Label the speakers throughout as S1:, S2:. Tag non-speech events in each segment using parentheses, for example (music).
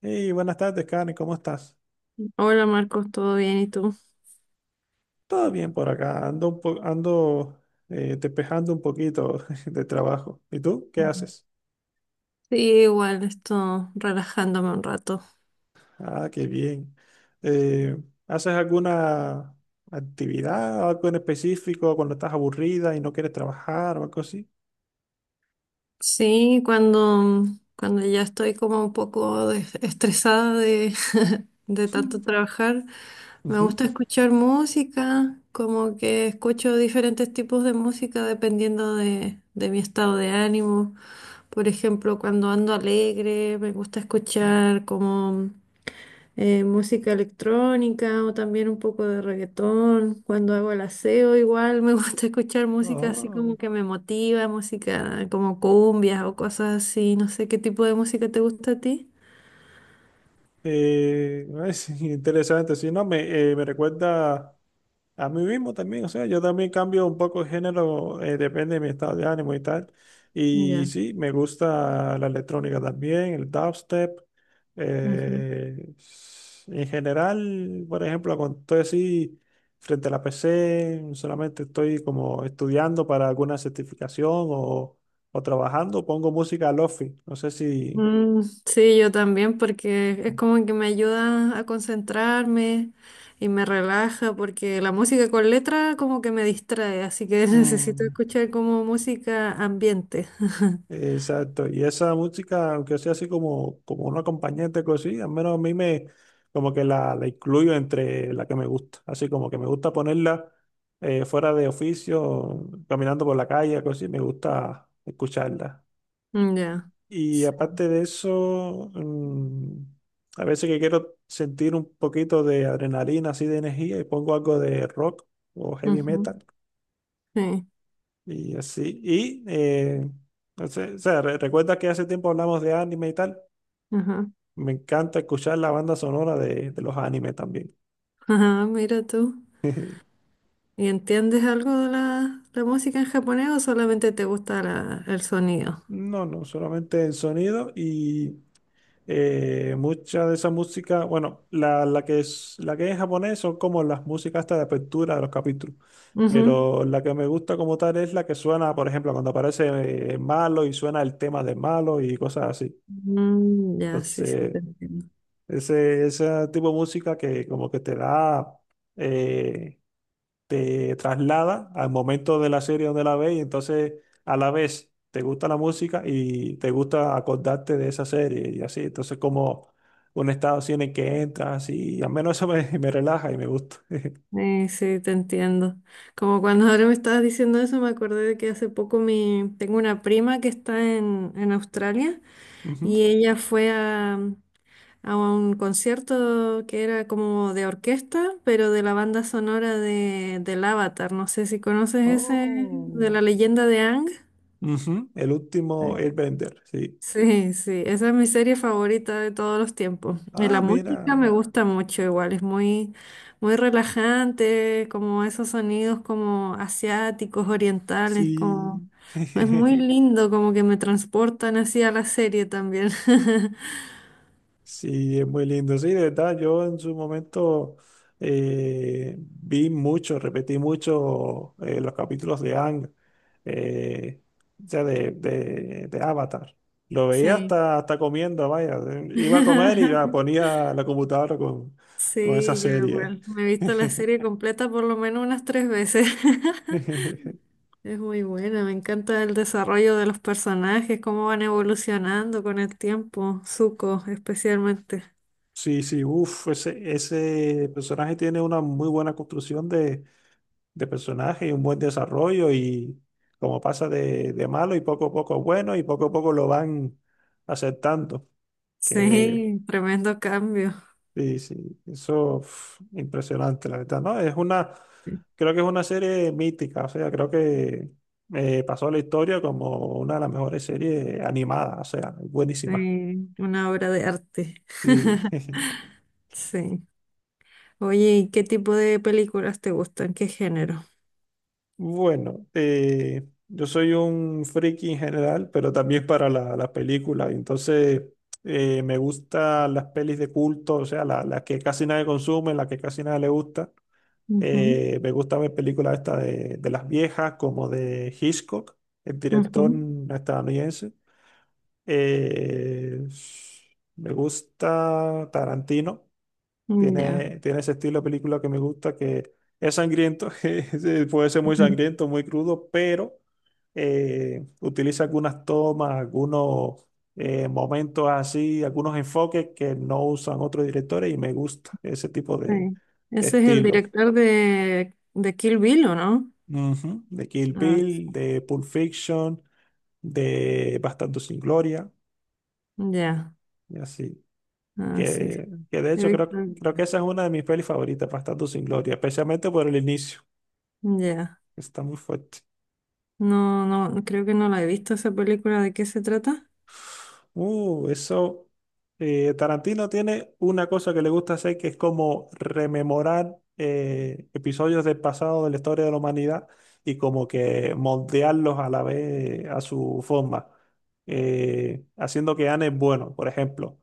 S1: Hey, buenas tardes, Karen, ¿cómo estás?
S2: Hola Marcos, ¿todo bien? ¿Y tú?
S1: Todo bien por acá, ando, ando despejando un poquito (laughs) de trabajo. ¿Y tú qué
S2: Mm.
S1: haces?
S2: Sí, igual, estoy relajándome un rato.
S1: Ah, qué bien. Eh, ¿Haces alguna actividad, algo en específico cuando estás aburrida y no quieres trabajar o algo así?
S2: Sí, cuando ya estoy como un poco estresada (laughs) de tanto
S1: Sí.
S2: trabajar, me
S1: Ujú.
S2: gusta escuchar música, como que escucho diferentes tipos de música dependiendo de mi estado de ánimo. Por ejemplo, cuando ando alegre, me gusta escuchar como música electrónica o también un poco de reggaetón. Cuando hago el aseo, igual me (laughs) gusta escuchar música así como
S1: Oh,
S2: que me motiva, música como cumbias o cosas así. No sé qué tipo de música te gusta a ti.
S1: (laughs) es interesante, sí, no, me recuerda a mí mismo también, o sea, yo también cambio un poco de género, depende de mi estado de ánimo y tal. Y
S2: Ya.
S1: sí, me gusta la electrónica también, el dubstep.
S2: Ujú.
S1: En general, por ejemplo, cuando estoy así frente a la PC, solamente estoy como estudiando para alguna certificación o trabajando, pongo música lofi. No sé si,
S2: Mm, sí, yo también, porque es como que me ayuda a concentrarme y me relaja, porque la música con letra como que me distrae, así que (laughs) necesito
S1: mm,
S2: escuchar como música ambiente. (laughs)
S1: exacto, y esa música, aunque sea así como, como un acompañante, cosí, al menos a mí me, como que la incluyo entre la que me gusta, así como que me gusta ponerla fuera de oficio, caminando por la calle, cosí, me gusta escucharla.
S2: Ya.
S1: Y
S2: Sí.
S1: aparte de eso, mm, a veces que quiero sentir un poquito de adrenalina, así de energía, y pongo algo de rock o heavy metal.
S2: Sí,
S1: Y así, y no sé, o sea, recuerda que hace tiempo hablamos de anime y tal.
S2: ajá.
S1: Me encanta escuchar la banda sonora de los animes también.
S2: Ajá, mira tú.
S1: (laughs)
S2: ¿Y entiendes algo de la música en japonés o solamente te gusta el sonido?
S1: No, no, solamente el sonido y mucha de esa música, bueno, la que es en japonés son como las músicas hasta de apertura de los capítulos.
S2: Ujú.
S1: Pero la que me gusta como tal es la que suena, por ejemplo, cuando aparece Malo y suena el tema de Malo y cosas así.
S2: Mm, ya, sí, sí,
S1: Entonces,
S2: te entiendo.
S1: ese tipo de música que como que te da, eh, te traslada al momento de la serie donde la ves y entonces a la vez te gusta la música y te gusta acordarte de esa serie y así. Entonces como un estado así en el que entras y al menos eso me, (laughs) me relaja y me gusta. (laughs)
S2: Sí, te entiendo. Como cuando ahora me estabas diciendo eso, me acordé de que hace poco tengo una prima que está en Australia
S1: Ujú.
S2: y ella fue a un concierto que era como de orquesta, pero de la banda sonora del Avatar. No sé si conoces ese, de
S1: Oh.
S2: la leyenda de Ang.
S1: Ujú. El último
S2: Sí,
S1: Airbender, sí.
S2: sí, sí, esa es mi serie favorita de todos los tiempos. Y la
S1: Ah,
S2: música me
S1: mira,
S2: gusta mucho igual, es muy, muy relajante, como esos sonidos como asiáticos, orientales, como
S1: sí.
S2: es muy
S1: (laughs)
S2: lindo, como que me transportan así a la serie también. (laughs)
S1: Sí, es muy lindo. Sí, de verdad, yo en su momento vi mucho, repetí mucho los capítulos de Ang, eh, o sea, de Avatar. Lo veía
S2: Sí.
S1: hasta, hasta comiendo, vaya. Iba a comer y va,
S2: (laughs)
S1: ponía la computadora con esa
S2: Sí, yo
S1: serie.
S2: igual. Me he visto la
S1: (laughs)
S2: serie completa por lo menos unas tres veces. (laughs)
S1: (laughs)
S2: Es muy buena, me encanta el desarrollo de los personajes, cómo van evolucionando con el tiempo, Zuko especialmente.
S1: Sí, sí, uff, ese personaje tiene una muy buena construcción de personaje y un buen desarrollo y como pasa de malo y poco a poco bueno y poco a poco lo van aceptando. Que
S2: Sí, tremendo cambio.
S1: sí, sí, eso uf, impresionante, la verdad, ¿no? Es una, creo que es una serie mítica, o sea, creo que pasó a la historia como una de las mejores series animadas, o sea, buenísima.
S2: Sí, una obra de arte.
S1: Sí.
S2: (laughs)
S1: (laughs)
S2: Sí. Oye, ¿y qué tipo de películas te gustan? ¿Qué género?
S1: Bueno, yo soy un friki en general, pero también para las películas. Entonces, me gustan las pelis de culto, o sea, las que casi nadie consume, las que casi nadie le gusta.
S2: Ujú,
S1: Me gusta ver películas estas de las viejas, como de Hitchcock, el director
S2: ujú,
S1: estadounidense. Eh, me gusta Tarantino.
S2: mm, ya.
S1: Tiene ese estilo de película que me gusta, que es sangriento, (laughs) sí, puede ser muy
S2: Ujú,
S1: sangriento, muy crudo, pero utiliza algunas tomas, algunos momentos así, algunos enfoques que no usan otros directores y me gusta ese tipo de
S2: sí. Ese es el
S1: estilo.
S2: director de Kill Bill, ¿o no?
S1: Ujú, de Kill
S2: Ah,
S1: Bill, de Pulp Fiction, de Bastardo sin Gloria,
S2: ya,
S1: y así.
S2: ah, sí. Sí.
S1: Que de
S2: He
S1: hecho
S2: visto.
S1: creo que esa es una de mis pelis favoritas, Bastardo sin Gloria, especialmente por el inicio.
S2: Ya.
S1: Está muy fuerte.
S2: No, no, creo que no la he visto esa película. ¿De qué se trata?
S1: Eso. Tarantino tiene una cosa que le gusta hacer que es como rememorar episodios del pasado de la historia de la humanidad y como que moldearlos a la vez a su forma, haciendo que ganen bueno. Por ejemplo,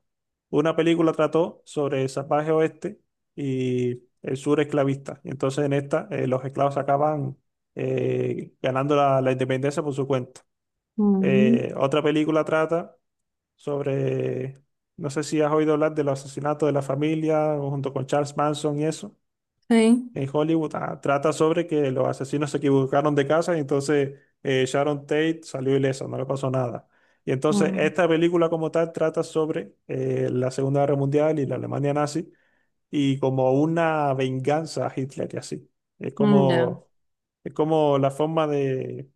S1: una película trató sobre el salvaje oeste y el sur esclavista. Y entonces en esta los esclavos acaban ganando la la independencia por su cuenta.
S2: Mm.
S1: Otra película trata sobre, no sé si has oído hablar de los asesinatos de la familia junto con Charles Manson y eso,
S2: Sí.
S1: en Hollywood. Ah, trata sobre que los asesinos se equivocaron de casa y entonces Sharon Tate salió ilesa, no le pasó nada. Y entonces
S2: Mm,
S1: esta película como tal trata sobre la Segunda Guerra Mundial y la Alemania nazi y como una venganza a Hitler y así. Es
S2: mm, ya.
S1: como, es como la forma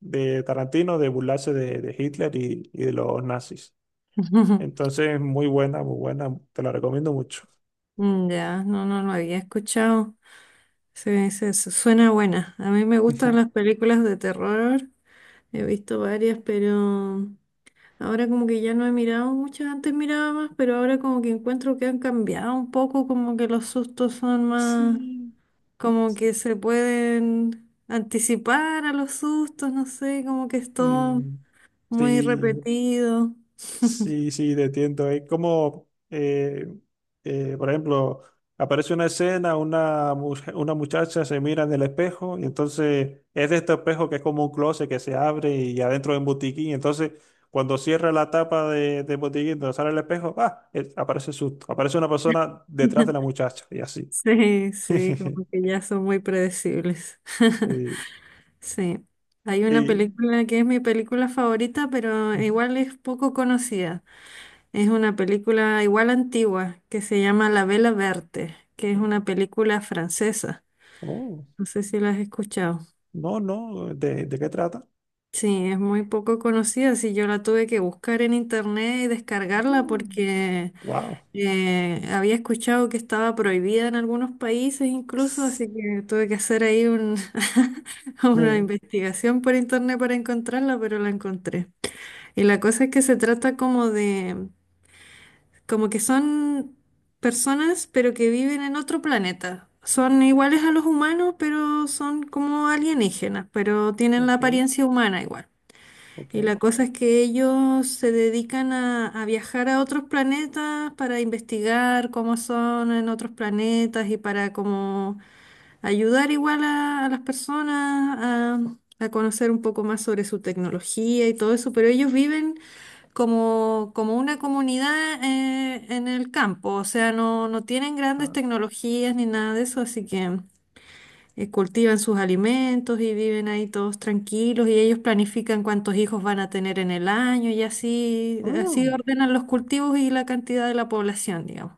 S1: de Tarantino de burlarse de Hitler y de los nazis.
S2: (laughs)
S1: Entonces, muy buena, te la recomiendo mucho.
S2: Mm, ya, no, no lo había escuchado. Sí, sí, suena buena. A mí me gustan las
S1: (laughs)
S2: películas de terror. He visto varias, pero ahora como que ya no he mirado muchas, antes miraba más, pero ahora como que encuentro que han cambiado un poco, como que los sustos son más,
S1: Sí.
S2: como que se pueden anticipar a los sustos, no sé, como que es todo
S1: Mm,
S2: muy
S1: sí,
S2: repetido.
S1: sí, sí, te entiendo. Es como, por ejemplo, aparece una escena, una, una muchacha se mira en el espejo y entonces es de este espejo que es como un closet que se abre y adentro es un botiquín. Entonces, cuando cierra la tapa de, del botiquín, donde sale el espejo, ¡ah! Aparece susto. Aparece una persona detrás de la
S2: (laughs)
S1: muchacha y así.
S2: Sí, sí, como
S1: (laughs)
S2: que ya son muy predecibles. (laughs)
S1: Y,
S2: Sí. Hay una
S1: y-
S2: película que es mi película favorita, pero igual es poco conocida. Es una película igual antigua que se llama La Vela Verte, que es una película francesa.
S1: oh,
S2: No sé si la has escuchado.
S1: no, no, de qué trata?
S2: Sí, es muy poco conocida. Sí, yo la tuve que buscar en internet y descargarla porque
S1: Wow.
S2: había escuchado que estaba prohibida en algunos países incluso, así que tuve que hacer ahí (laughs) una investigación por internet para encontrarla, pero la encontré. Y la cosa es que se trata como de, como que son personas, pero que viven en otro planeta. Son iguales a los humanos, pero son como alienígenas, pero tienen la
S1: Ok,
S2: apariencia humana igual.
S1: ok.
S2: Y la cosa es que ellos se dedican a viajar a otros planetas para investigar cómo son en otros planetas y para como ayudar igual a las personas a conocer un poco más sobre su tecnología y todo eso, pero ellos viven como una comunidad en el campo, o sea, no, no tienen grandes
S1: Ah,
S2: tecnologías ni nada de eso, así que cultivan sus alimentos y viven ahí todos tranquilos y ellos planifican cuántos hijos van a tener en el año y así, así
S1: oh,
S2: ordenan los cultivos y la cantidad de la población, digamos.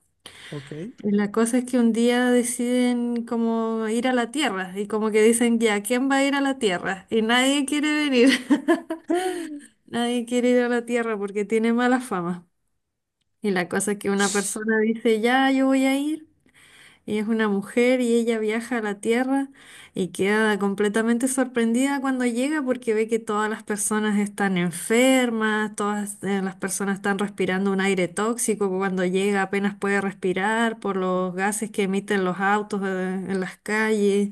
S1: ok.
S2: Y la cosa es que un día deciden como ir a la tierra y como que dicen, ya, ¿quién va a ir a la tierra? Y nadie quiere venir. (laughs)
S1: (laughs)
S2: Nadie quiere ir a la tierra porque tiene mala fama. Y la cosa es que una persona dice, ya, yo voy a ir, y es una mujer y ella viaja a la Tierra y queda completamente sorprendida cuando llega porque ve que todas las personas están enfermas, todas las personas están respirando un aire tóxico, que cuando llega apenas puede respirar por los gases que emiten los autos en las calles.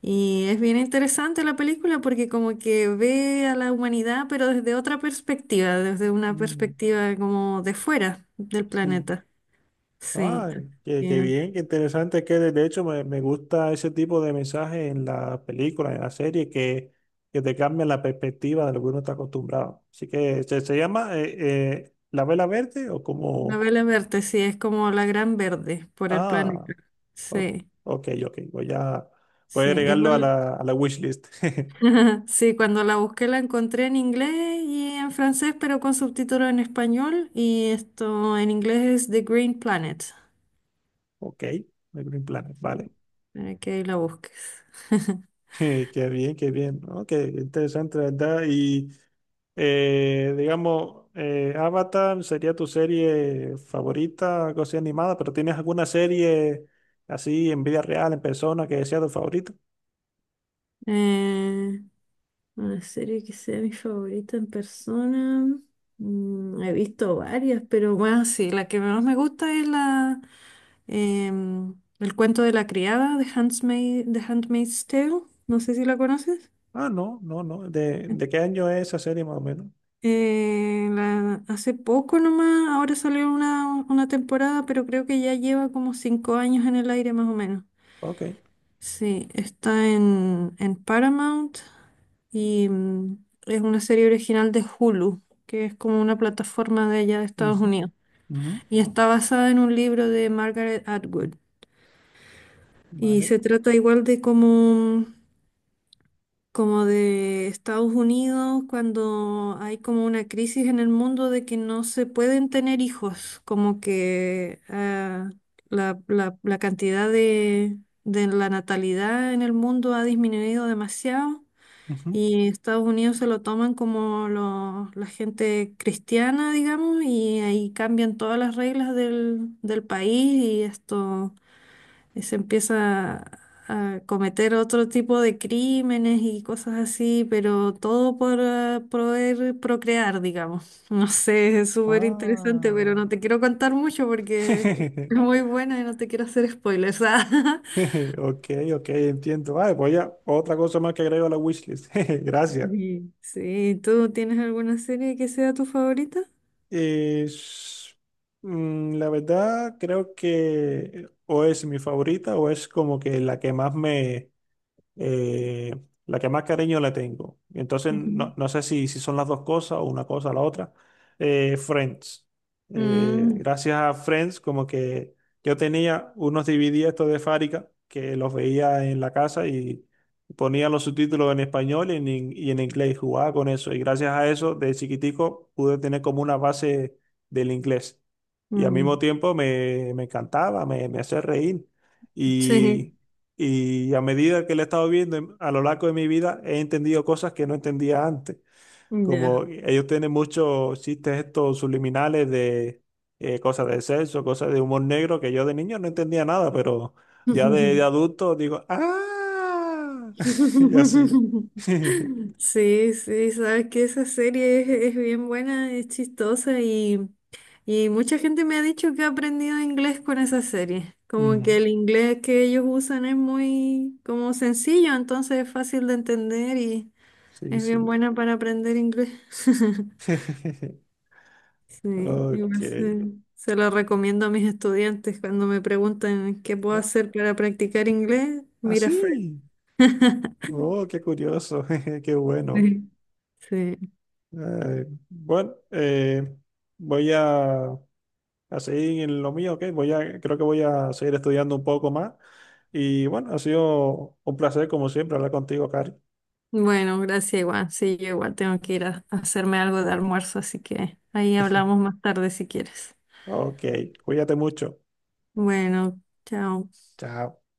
S2: Y es bien interesante la película porque como que ve a la humanidad, pero desde otra perspectiva, desde una
S1: Mm,
S2: perspectiva como de fuera del
S1: sí.
S2: planeta. Sí,
S1: Ay, qué, qué
S2: eh,
S1: bien, qué interesante que de hecho me, me gusta ese tipo de mensaje en la película, en la serie, que te cambia la perspectiva de lo que uno está acostumbrado. Así que se llama La Vela Verde o como...
S2: novela verde, sí, es como la gran verde por el
S1: Ah,
S2: planeta.
S1: o-
S2: Sí,
S1: ok, ok. Voy a, voy a
S2: sí,
S1: agregarlo
S2: igual,
S1: a la wishlist. (laughs)
S2: (laughs) sí, cuando la busqué la encontré en inglés y en francés, pero con subtítulos en español y esto en inglés es The Green Planet,
S1: Ok, The Green Planet, vale.
S2: para que ahí la busques. (laughs)
S1: (laughs) Qué bien, qué bien. Ok, interesante, la ¿verdad? Y... digamos, Avatar sería tu serie favorita, algo así animada, pero ¿tienes alguna serie así en vida real, en persona, que sea tu favorita?
S2: Eh, una serie que sea mi favorita en persona. Mm, he visto varias, pero bueno, sí, la que menos me gusta es la... El cuento de la criada de Handmaid, The Handmaid's Tale, no sé si la conoces.
S1: Ah, no, no, no. De qué año es esa serie más o menos?
S2: Hace poco nomás, ahora salió una temporada, pero creo que ya lleva como 5 años en el aire más o menos.
S1: Ok.
S2: Sí, está en Paramount y es una serie original de Hulu, que es como una plataforma de allá de Estados
S1: Ujú,
S2: Unidos.
S1: ujú,
S2: Y está basada en un libro de Margaret Atwood. Y
S1: vale.
S2: se trata igual de como de Estados Unidos, cuando hay como una crisis en el mundo de que no se pueden tener hijos, como que la cantidad de la natalidad en el mundo ha disminuido demasiado
S1: Ujú.
S2: y Estados Unidos se lo toman como la gente cristiana, digamos, y ahí cambian todas las reglas del país y esto y se empieza a cometer otro tipo de crímenes y cosas así, pero todo por poder procrear, digamos. (laughs) No sé, es súper interesante,
S1: Ah.
S2: pero no te quiero contar mucho porque es
S1: (laughs)
S2: muy buena y no te quiero hacer spoilers. (laughs) Ah.
S1: (laughs) Ok, ok, entiendo. Vale, pues ya, otra cosa más que agrego a la wishlist. (laughs) Gracias.
S2: Sí, sí, ¿tú tienes alguna serie que sea tu favorita?
S1: Es, mm, la verdad, creo que o es mi favorita o es como que la que más me, eh, la que más cariño le tengo. Y entonces, no,
S2: Ujú.
S1: no sé si, si son las dos cosas o una cosa o la otra. Friends.
S2: Mm,
S1: Gracias a Friends, como que yo tenía unos DVD estos de Fárica que los veía en la casa y ponía los subtítulos en español y en inglés, jugaba con eso. Y gracias a eso, de chiquitico, pude tener como una base del inglés. Y al mismo
S2: mm,
S1: tiempo me, me encantaba, me hacía reír.
S2: sí,
S1: Y y a medida que la he estado viendo a lo largo de mi vida, he entendido cosas que no entendía antes.
S2: ya.
S1: Como ellos tienen muchos chistes estos subliminales de cosas de sexo, cosas de humor negro, que yo de niño no entendía nada, pero ya
S2: (laughs)
S1: de adulto digo, ¡ah! (laughs) Y así.
S2: (laughs)
S1: (laughs)
S2: Sí, sí, sabes que esa serie es bien buena, es chistosa y mucha gente me ha dicho que ha aprendido inglés con esa serie. Como que
S1: Mm,
S2: el inglés que ellos usan es muy como sencillo, entonces es fácil de entender y
S1: sí,
S2: es bien
S1: sí.
S2: buena para aprender inglés. (laughs)
S1: (laughs)
S2: Sí,
S1: Ok.
S2: igual se lo recomiendo a mis estudiantes cuando me preguntan qué puedo
S1: Ah,
S2: hacer para practicar inglés, mira Friends.
S1: así.
S2: (laughs)
S1: Oh, qué curioso. (laughs) Qué bueno.
S2: Sí. Sí.
S1: Eh, bueno, eh, voy a seguir en lo mío, ¿ok? Voy a, creo que voy a seguir estudiando un poco más. Y bueno, ha sido un placer, como siempre, hablar contigo, Cari.
S2: Bueno, gracias igual. Sí, yo igual tengo que ir a hacerme algo de almuerzo, así que ahí hablamos
S1: (laughs)
S2: más tarde si quieres.
S1: Ok, cuídate mucho.
S2: Bueno, chao.
S1: Chao.